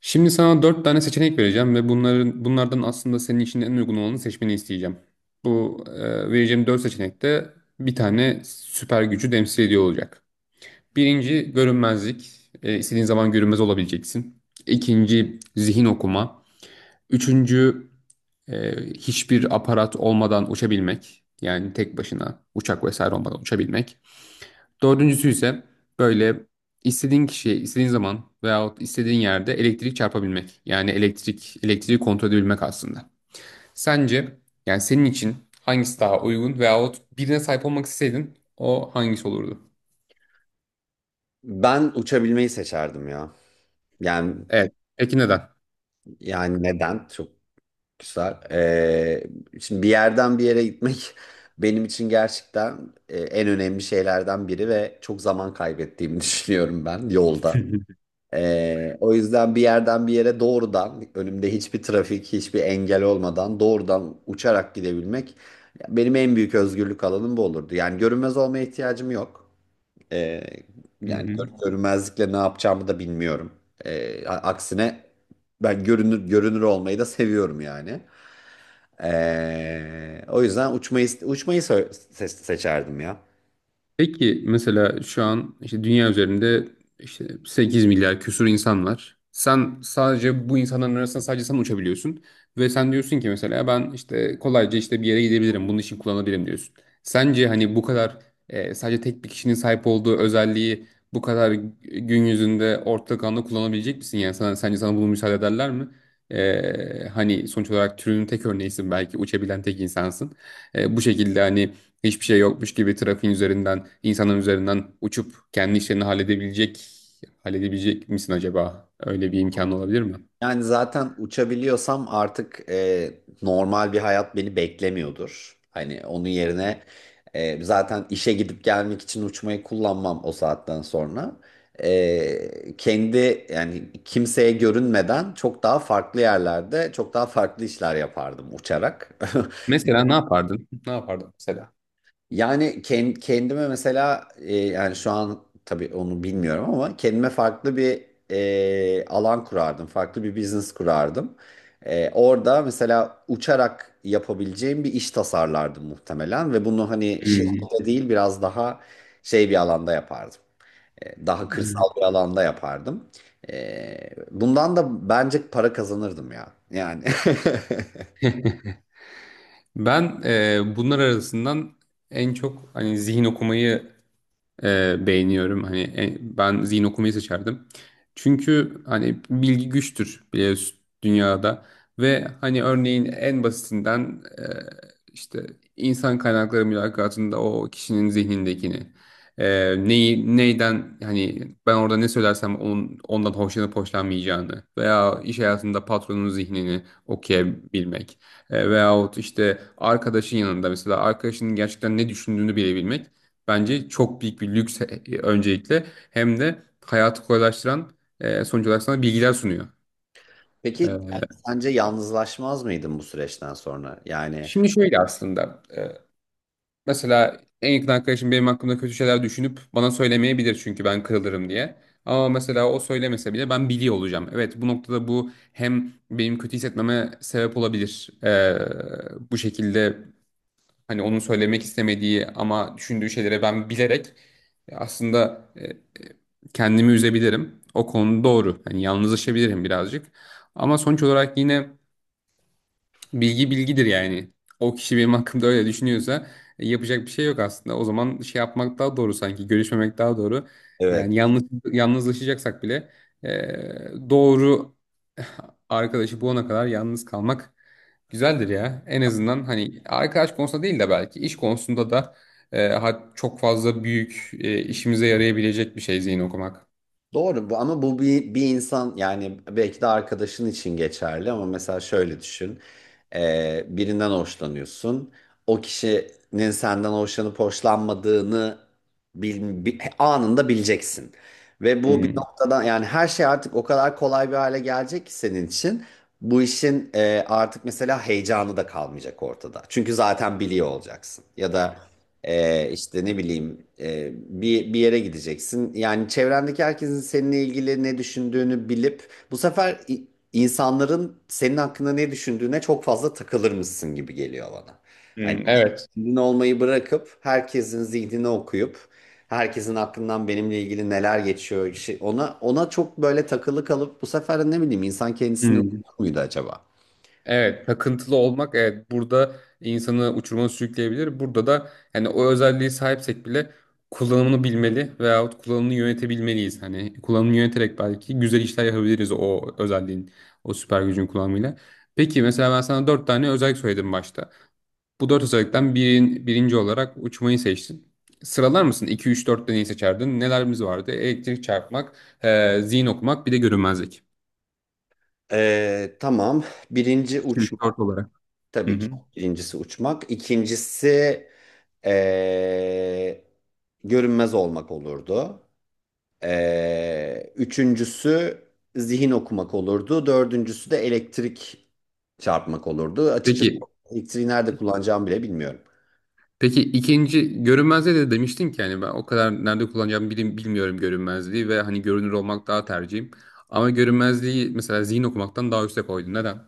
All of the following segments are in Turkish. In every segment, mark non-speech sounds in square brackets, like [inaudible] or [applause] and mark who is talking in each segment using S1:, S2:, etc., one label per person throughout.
S1: Şimdi sana dört tane seçenek vereceğim ve bunlardan aslında senin için en uygun olanı seçmeni isteyeceğim. Bu vereceğim dört seçenekte bir tane süper gücü temsil ediyor olacak. Birinci görünmezlik. İstediğin zaman görünmez olabileceksin. İkinci zihin okuma. Üçüncü e, hiçbir aparat olmadan uçabilmek. Yani tek başına uçak vesaire olmadan uçabilmek. Dördüncüsü ise böyle istediğin kişiye, istediğin zaman veyahut istediğin yerde elektrik çarpabilmek. Yani elektrik, elektriği kontrol edebilmek aslında. Sence yani senin için hangisi daha uygun veyahut birine sahip olmak isteseydin o hangisi olurdu?
S2: Ben uçabilmeyi seçerdim ya. Yani
S1: Evet. Peki neden?
S2: yani neden? Çok güzel. Şimdi bir yerden bir yere gitmek [laughs] benim için gerçekten en önemli şeylerden biri ve çok zaman kaybettiğimi [laughs] düşünüyorum ben yolda.
S1: [laughs]
S2: O yüzden bir yerden bir yere doğrudan önümde hiçbir trafik, hiçbir engel olmadan doğrudan uçarak gidebilmek benim en büyük özgürlük alanım bu olurdu. Yani görünmez olmaya ihtiyacım yok. Ee,
S1: Hı
S2: yani
S1: hı.
S2: görünmezlikle ne yapacağımı da bilmiyorum. Aksine ben görünür görünür olmayı da seviyorum yani. O yüzden uçmayı seçerdim ya.
S1: Peki mesela şu an işte dünya üzerinde işte 8 milyar küsur insan var. Sen sadece bu insanların arasında sadece sen uçabiliyorsun. Ve sen diyorsun ki mesela ben işte kolayca işte bir yere gidebilirim. Bunun için kullanabilirim diyorsun. Sence hani bu kadar sadece tek bir kişinin sahip olduğu özelliği bu kadar gün yüzünde ortak anda kullanabilecek misin? Yani sence sana bunu müsaade ederler mi? Hani sonuç olarak türünün tek örneğisin, belki uçabilen tek insansın. Bu şekilde hani hiçbir şey yokmuş gibi trafiğin üzerinden, insanın üzerinden uçup kendi işlerini halledebilecek misin acaba? Öyle bir imkan olabilir mi?
S2: Yani zaten uçabiliyorsam artık normal bir hayat beni beklemiyordur. Hani onun yerine zaten işe gidip gelmek için uçmayı kullanmam o saatten sonra. Kendi yani kimseye görünmeden çok daha farklı yerlerde çok daha farklı işler yapardım uçarak. [laughs]
S1: Mesela ne yapardın? Ne yapardın mesela?
S2: Yani kendime mesela yani şu an tabii onu bilmiyorum ama kendime farklı bir alan kurardım. Farklı bir business kurardım. Orada mesela uçarak yapabileceğim bir iş tasarlardım muhtemelen ve bunu hani
S1: Hmm.
S2: şirkette değil biraz daha şey bir alanda yapardım. Daha kırsal bir alanda yapardım. Bundan da bence para kazanırdım ya. Yani. [laughs]
S1: Ben bunlar arasından en çok hani zihin okumayı beğeniyorum. Hani ben zihin okumayı seçerdim. Çünkü hani bilgi güçtür biliyorsun dünyada ve hani örneğin en basitinden işte insan kaynakları mülakatında o kişinin zihnindekini neyi neyden hani ben orada ne söylersem onun, ondan hoşlanıp hoşlanmayacağını veya iş hayatında patronun zihnini okuyabilmek veyahut işte arkadaşın yanında mesela arkadaşının gerçekten ne düşündüğünü bilebilmek bence çok büyük bir lüks öncelikle, hem de hayatı kolaylaştıran, sonuç olarak sana bilgiler sunuyor.
S2: Peki
S1: E,
S2: yani sence yalnızlaşmaz mıydın bu süreçten sonra? Yani.
S1: Şimdi şöyle aslında, mesela en yakın arkadaşım benim hakkımda kötü şeyler düşünüp bana söylemeyebilir çünkü ben kırılırım diye. Ama mesela o söylemese bile ben biliyor olacağım. Evet, bu noktada bu hem benim kötü hissetmeme sebep olabilir. Bu şekilde hani onun söylemek istemediği ama düşündüğü şeylere ben bilerek, aslında, kendimi üzebilirim. O konu doğru. Hani yalnızlaşabilirim birazcık. Ama sonuç olarak yine bilgi bilgidir yani. O kişi benim hakkımda öyle düşünüyorsa yapacak bir şey yok aslında. O zaman şey yapmak daha doğru sanki. Görüşmemek daha doğru.
S2: Evet.
S1: Yani yalnızlaşacaksak bile, e, doğru arkadaşı bulana kadar yalnız kalmak güzeldir ya. En azından hani arkadaş konusunda değil de belki iş konusunda da, çok fazla büyük, işimize yarayabilecek bir şey zihin okumak.
S2: Doğru bu ama bu bir insan yani belki de arkadaşın için geçerli ama mesela şöyle düşün. Birinden hoşlanıyorsun. O kişinin senden hoşlanıp hoşlanmadığını anında bileceksin. Ve bu bir
S1: Hmm.
S2: noktadan yani her şey artık o kadar kolay bir hale gelecek ki senin için. Bu işin artık mesela heyecanı da kalmayacak ortada. Çünkü zaten biliyor olacaksın. Ya da. İşte ne bileyim bir yere gideceksin. Yani çevrendeki herkesin seninle ilgili ne düşündüğünü bilip bu sefer insanların senin hakkında ne düşündüğüne çok fazla takılır mısın gibi geliyor bana. Hani
S1: Hmm, evet.
S2: kendin olmayı bırakıp herkesin zihnini okuyup herkesin aklından benimle ilgili neler geçiyor ona çok böyle takılı kalıp bu sefer de ne bileyim insan kendisini okur muydu acaba?
S1: Evet, takıntılı olmak, evet, burada insanı uçuruma sürükleyebilir. Burada da yani o özelliği sahipsek bile kullanımını bilmeli veyahut kullanımını yönetebilmeliyiz. Hani kullanımını yöneterek belki güzel işler yapabiliriz o özelliğin, o süper gücün kullanımıyla. Peki mesela ben sana dört tane özellik söyledim başta. Bu dört özellikten birinci olarak uçmayı seçtin. Sıralar mısın? 2, 3, 4'te neyi seçerdin? Nelerimiz vardı? Elektrik çarpmak, zihin okumak, bir de görünmezlik.
S2: Tamam. Birinci
S1: 2, 3,
S2: uçma.
S1: 4 olarak. Hı
S2: Tabii ki.
S1: hı.
S2: Birincisi uçmak. İkincisi eee, görünmez olmak olurdu. Üçüncüsü zihin okumak olurdu. Dördüncüsü de elektrik çarpmak olurdu. Açıkçası
S1: Peki
S2: elektriği nerede kullanacağımı bile bilmiyorum.
S1: Peki ikinci görünmezliğe de demiştin ki yani ben o kadar nerede kullanacağımı bilmiyorum görünmezliği ve hani görünür olmak daha tercihim. Ama görünmezliği mesela zihin okumaktan daha üste koydun. Neden?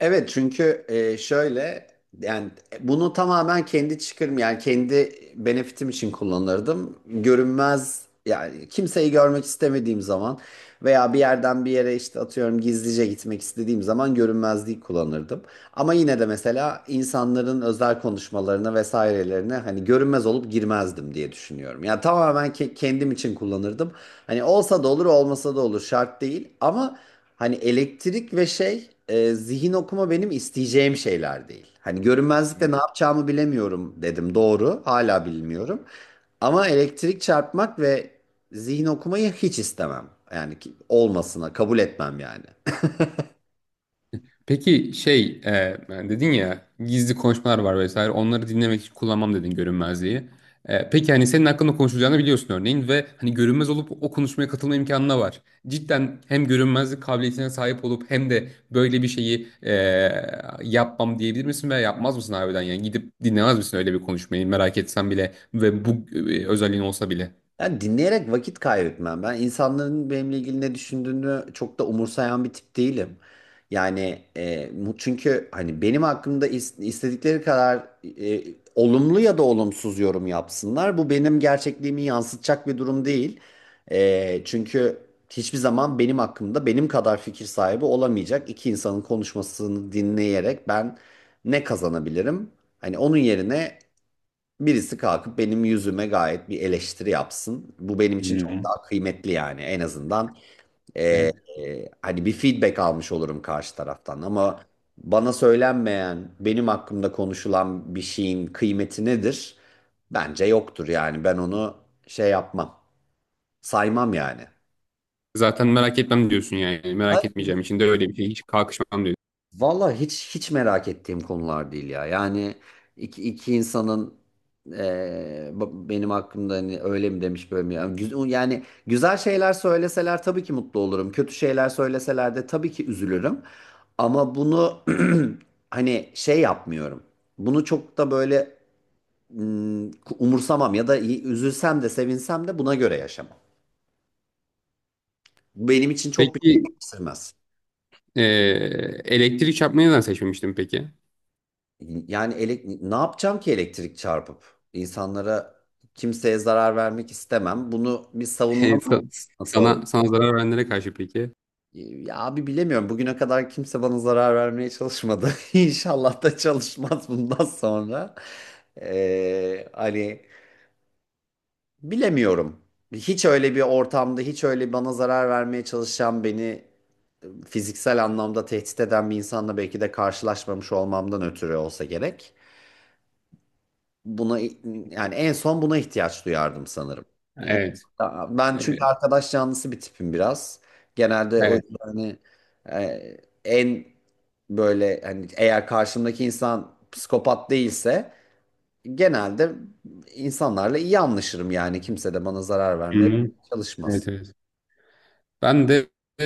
S2: Evet çünkü şöyle yani bunu tamamen kendi çıkarım yani kendi benefitim için kullanırdım. Görünmez yani kimseyi görmek istemediğim zaman veya bir yerden bir yere işte atıyorum gizlice gitmek istediğim zaman görünmezliği kullanırdım. Ama yine de mesela insanların özel konuşmalarına vesairelerine hani görünmez olup girmezdim diye düşünüyorum. Yani tamamen kendim için kullanırdım. Hani olsa da olur, olmasa da olur şart değil. Ama hani elektrik ve şey zihin okuma benim isteyeceğim şeyler değil. Hani görünmezlikle ne yapacağımı bilemiyorum dedim doğru. Hala bilmiyorum. Ama elektrik çarpmak ve zihin okumayı hiç istemem. Yani olmasına kabul etmem yani.
S1: Peki şey, yani dedin ya gizli konuşmalar var vesaire onları dinlemek için kullanmam dedin görünmezliği. Peki hani senin hakkında konuşulacağını biliyorsun örneğin ve hani görünmez olup o konuşmaya katılma imkanına var. Cidden hem görünmezlik kabiliyetine sahip olup hem de böyle bir şeyi yapmam diyebilir misin veya yapmaz mısın harbiden yani gidip dinlemez misin öyle bir konuşmayı merak etsen bile ve bu özelliğin olsa bile.
S2: Yani dinleyerek vakit kaybetmem. Ben insanların benimle ilgili ne düşündüğünü çok da umursayan bir tip değilim. Yani çünkü hani benim hakkımda istedikleri kadar e, olumlu ya da olumsuz yorum yapsınlar. Bu benim gerçekliğimi yansıtacak bir durum değil. Çünkü hiçbir zaman benim hakkımda benim kadar fikir sahibi olamayacak iki insanın konuşmasını dinleyerek ben ne kazanabilirim? Hani onun yerine birisi kalkıp benim yüzüme gayet bir eleştiri yapsın. Bu benim için çok
S1: Hı.
S2: daha kıymetli yani. En azından eee,
S1: E,
S2: hani bir feedback almış olurum karşı taraftan. Ama bana söylenmeyen, benim hakkımda konuşulan bir şeyin kıymeti nedir? Bence yoktur yani. Ben onu şey yapmam, saymam yani.
S1: Zaten merak etmem diyorsun yani merak
S2: Ay,
S1: etmeyeceğim için de öyle bir şey hiç kalkışmam diyorsun.
S2: valla hiç merak ettiğim konular değil ya. Yani iki insanın benim hakkımda hani öyle mi demiş böyle mi? Yani, güzel şeyler söyleseler tabii ki mutlu olurum. Kötü şeyler söyleseler de tabii ki üzülürüm. Ama bunu [clears throat] hani şey yapmıyorum. Bunu çok da böyle mm, umursamam ya da üzülsem de sevinsem de buna göre yaşamam. Bu benim için çok bir şey
S1: Peki,
S2: değiştirmez.
S1: Ee, elektrik çarpmayı neden seçmemiştim peki?
S2: Yani ne yapacağım ki elektrik çarpıp? İnsanlara kimseye zarar vermek istemem. Bunu bir
S1: [laughs]
S2: savunma
S1: Evet,
S2: mı-
S1: Sa-
S2: [laughs] nasıl olur?
S1: Sana sana zarar verenlere karşı peki?
S2: Ya abi bilemiyorum. Bugüne kadar kimse bana zarar vermeye çalışmadı. [laughs] İnşallah da çalışmaz bundan sonra. Hani bilemiyorum. Hiç öyle bir ortamda, hiç öyle bana zarar vermeye çalışan, beni fiziksel anlamda tehdit eden bir insanla belki de karşılaşmamış olmamdan ötürü olsa gerek. Buna yani en son buna ihtiyaç duyardım sanırım. Yani
S1: Evet.
S2: ben
S1: Ee,
S2: çünkü arkadaş canlısı bir tipim biraz. Genelde o
S1: Evet.
S2: yüzden hani e, en böyle hani eğer karşımdaki insan psikopat değilse genelde insanlarla iyi anlaşırım yani kimse de bana zarar vermeye
S1: Hı-hı. Evet,
S2: çalışmaz.
S1: evet. Ben de e,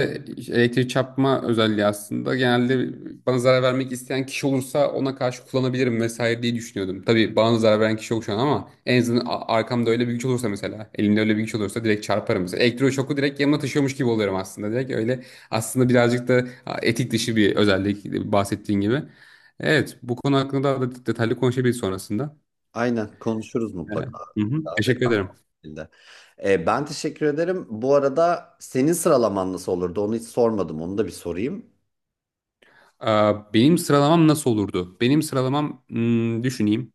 S1: elektrik çarpma özelliği aslında genelde bana zarar vermek isteyen kişi olursa ona karşı kullanabilirim vesaire diye düşünüyordum. Tabii bana zarar veren kişi yok şu an ama en azından arkamda öyle bir güç olursa mesela elimde öyle bir güç olursa direkt çarparım. Mesela elektroşoku direkt yanıma taşıyormuş gibi oluyorum aslında. Direkt öyle aslında birazcık da etik dışı bir özellik, bahsettiğin gibi. Evet, bu konu hakkında daha da detaylı konuşabiliriz sonrasında.
S2: Aynen konuşuruz
S1: Evet.
S2: mutlaka.
S1: Hı hı,
S2: Daha
S1: teşekkür ederim.
S2: detaylı. Ben teşekkür ederim. Bu arada senin sıralaman nasıl olurdu? Onu hiç sormadım. Onu da bir sorayım.
S1: Aa, benim sıralamam nasıl olurdu? Benim sıralamam hmm, düşüneyim.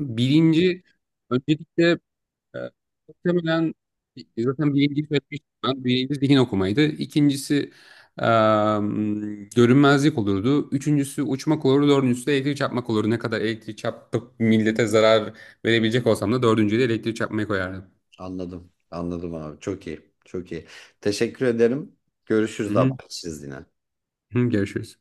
S1: Bilinci öncelikle, e, muhtemelen zaten birinci söylemiştim ben. Birinci zihin okumaydı. İkincisi e, görünmezlik olurdu. Üçüncüsü uçmak olurdu. Dördüncüsü de elektrik çarpmak olurdu. Ne kadar elektrik çarpıp millete zarar verebilecek olsam da dördüncüyü de elektrik çarpmayı koyardım.
S2: Anladım. Anladım abi. Çok iyi. Çok iyi. Teşekkür ederim.
S1: Hı
S2: Görüşürüz abi.
S1: hı.
S2: Çiz yine.
S1: Hı, görüşürüz.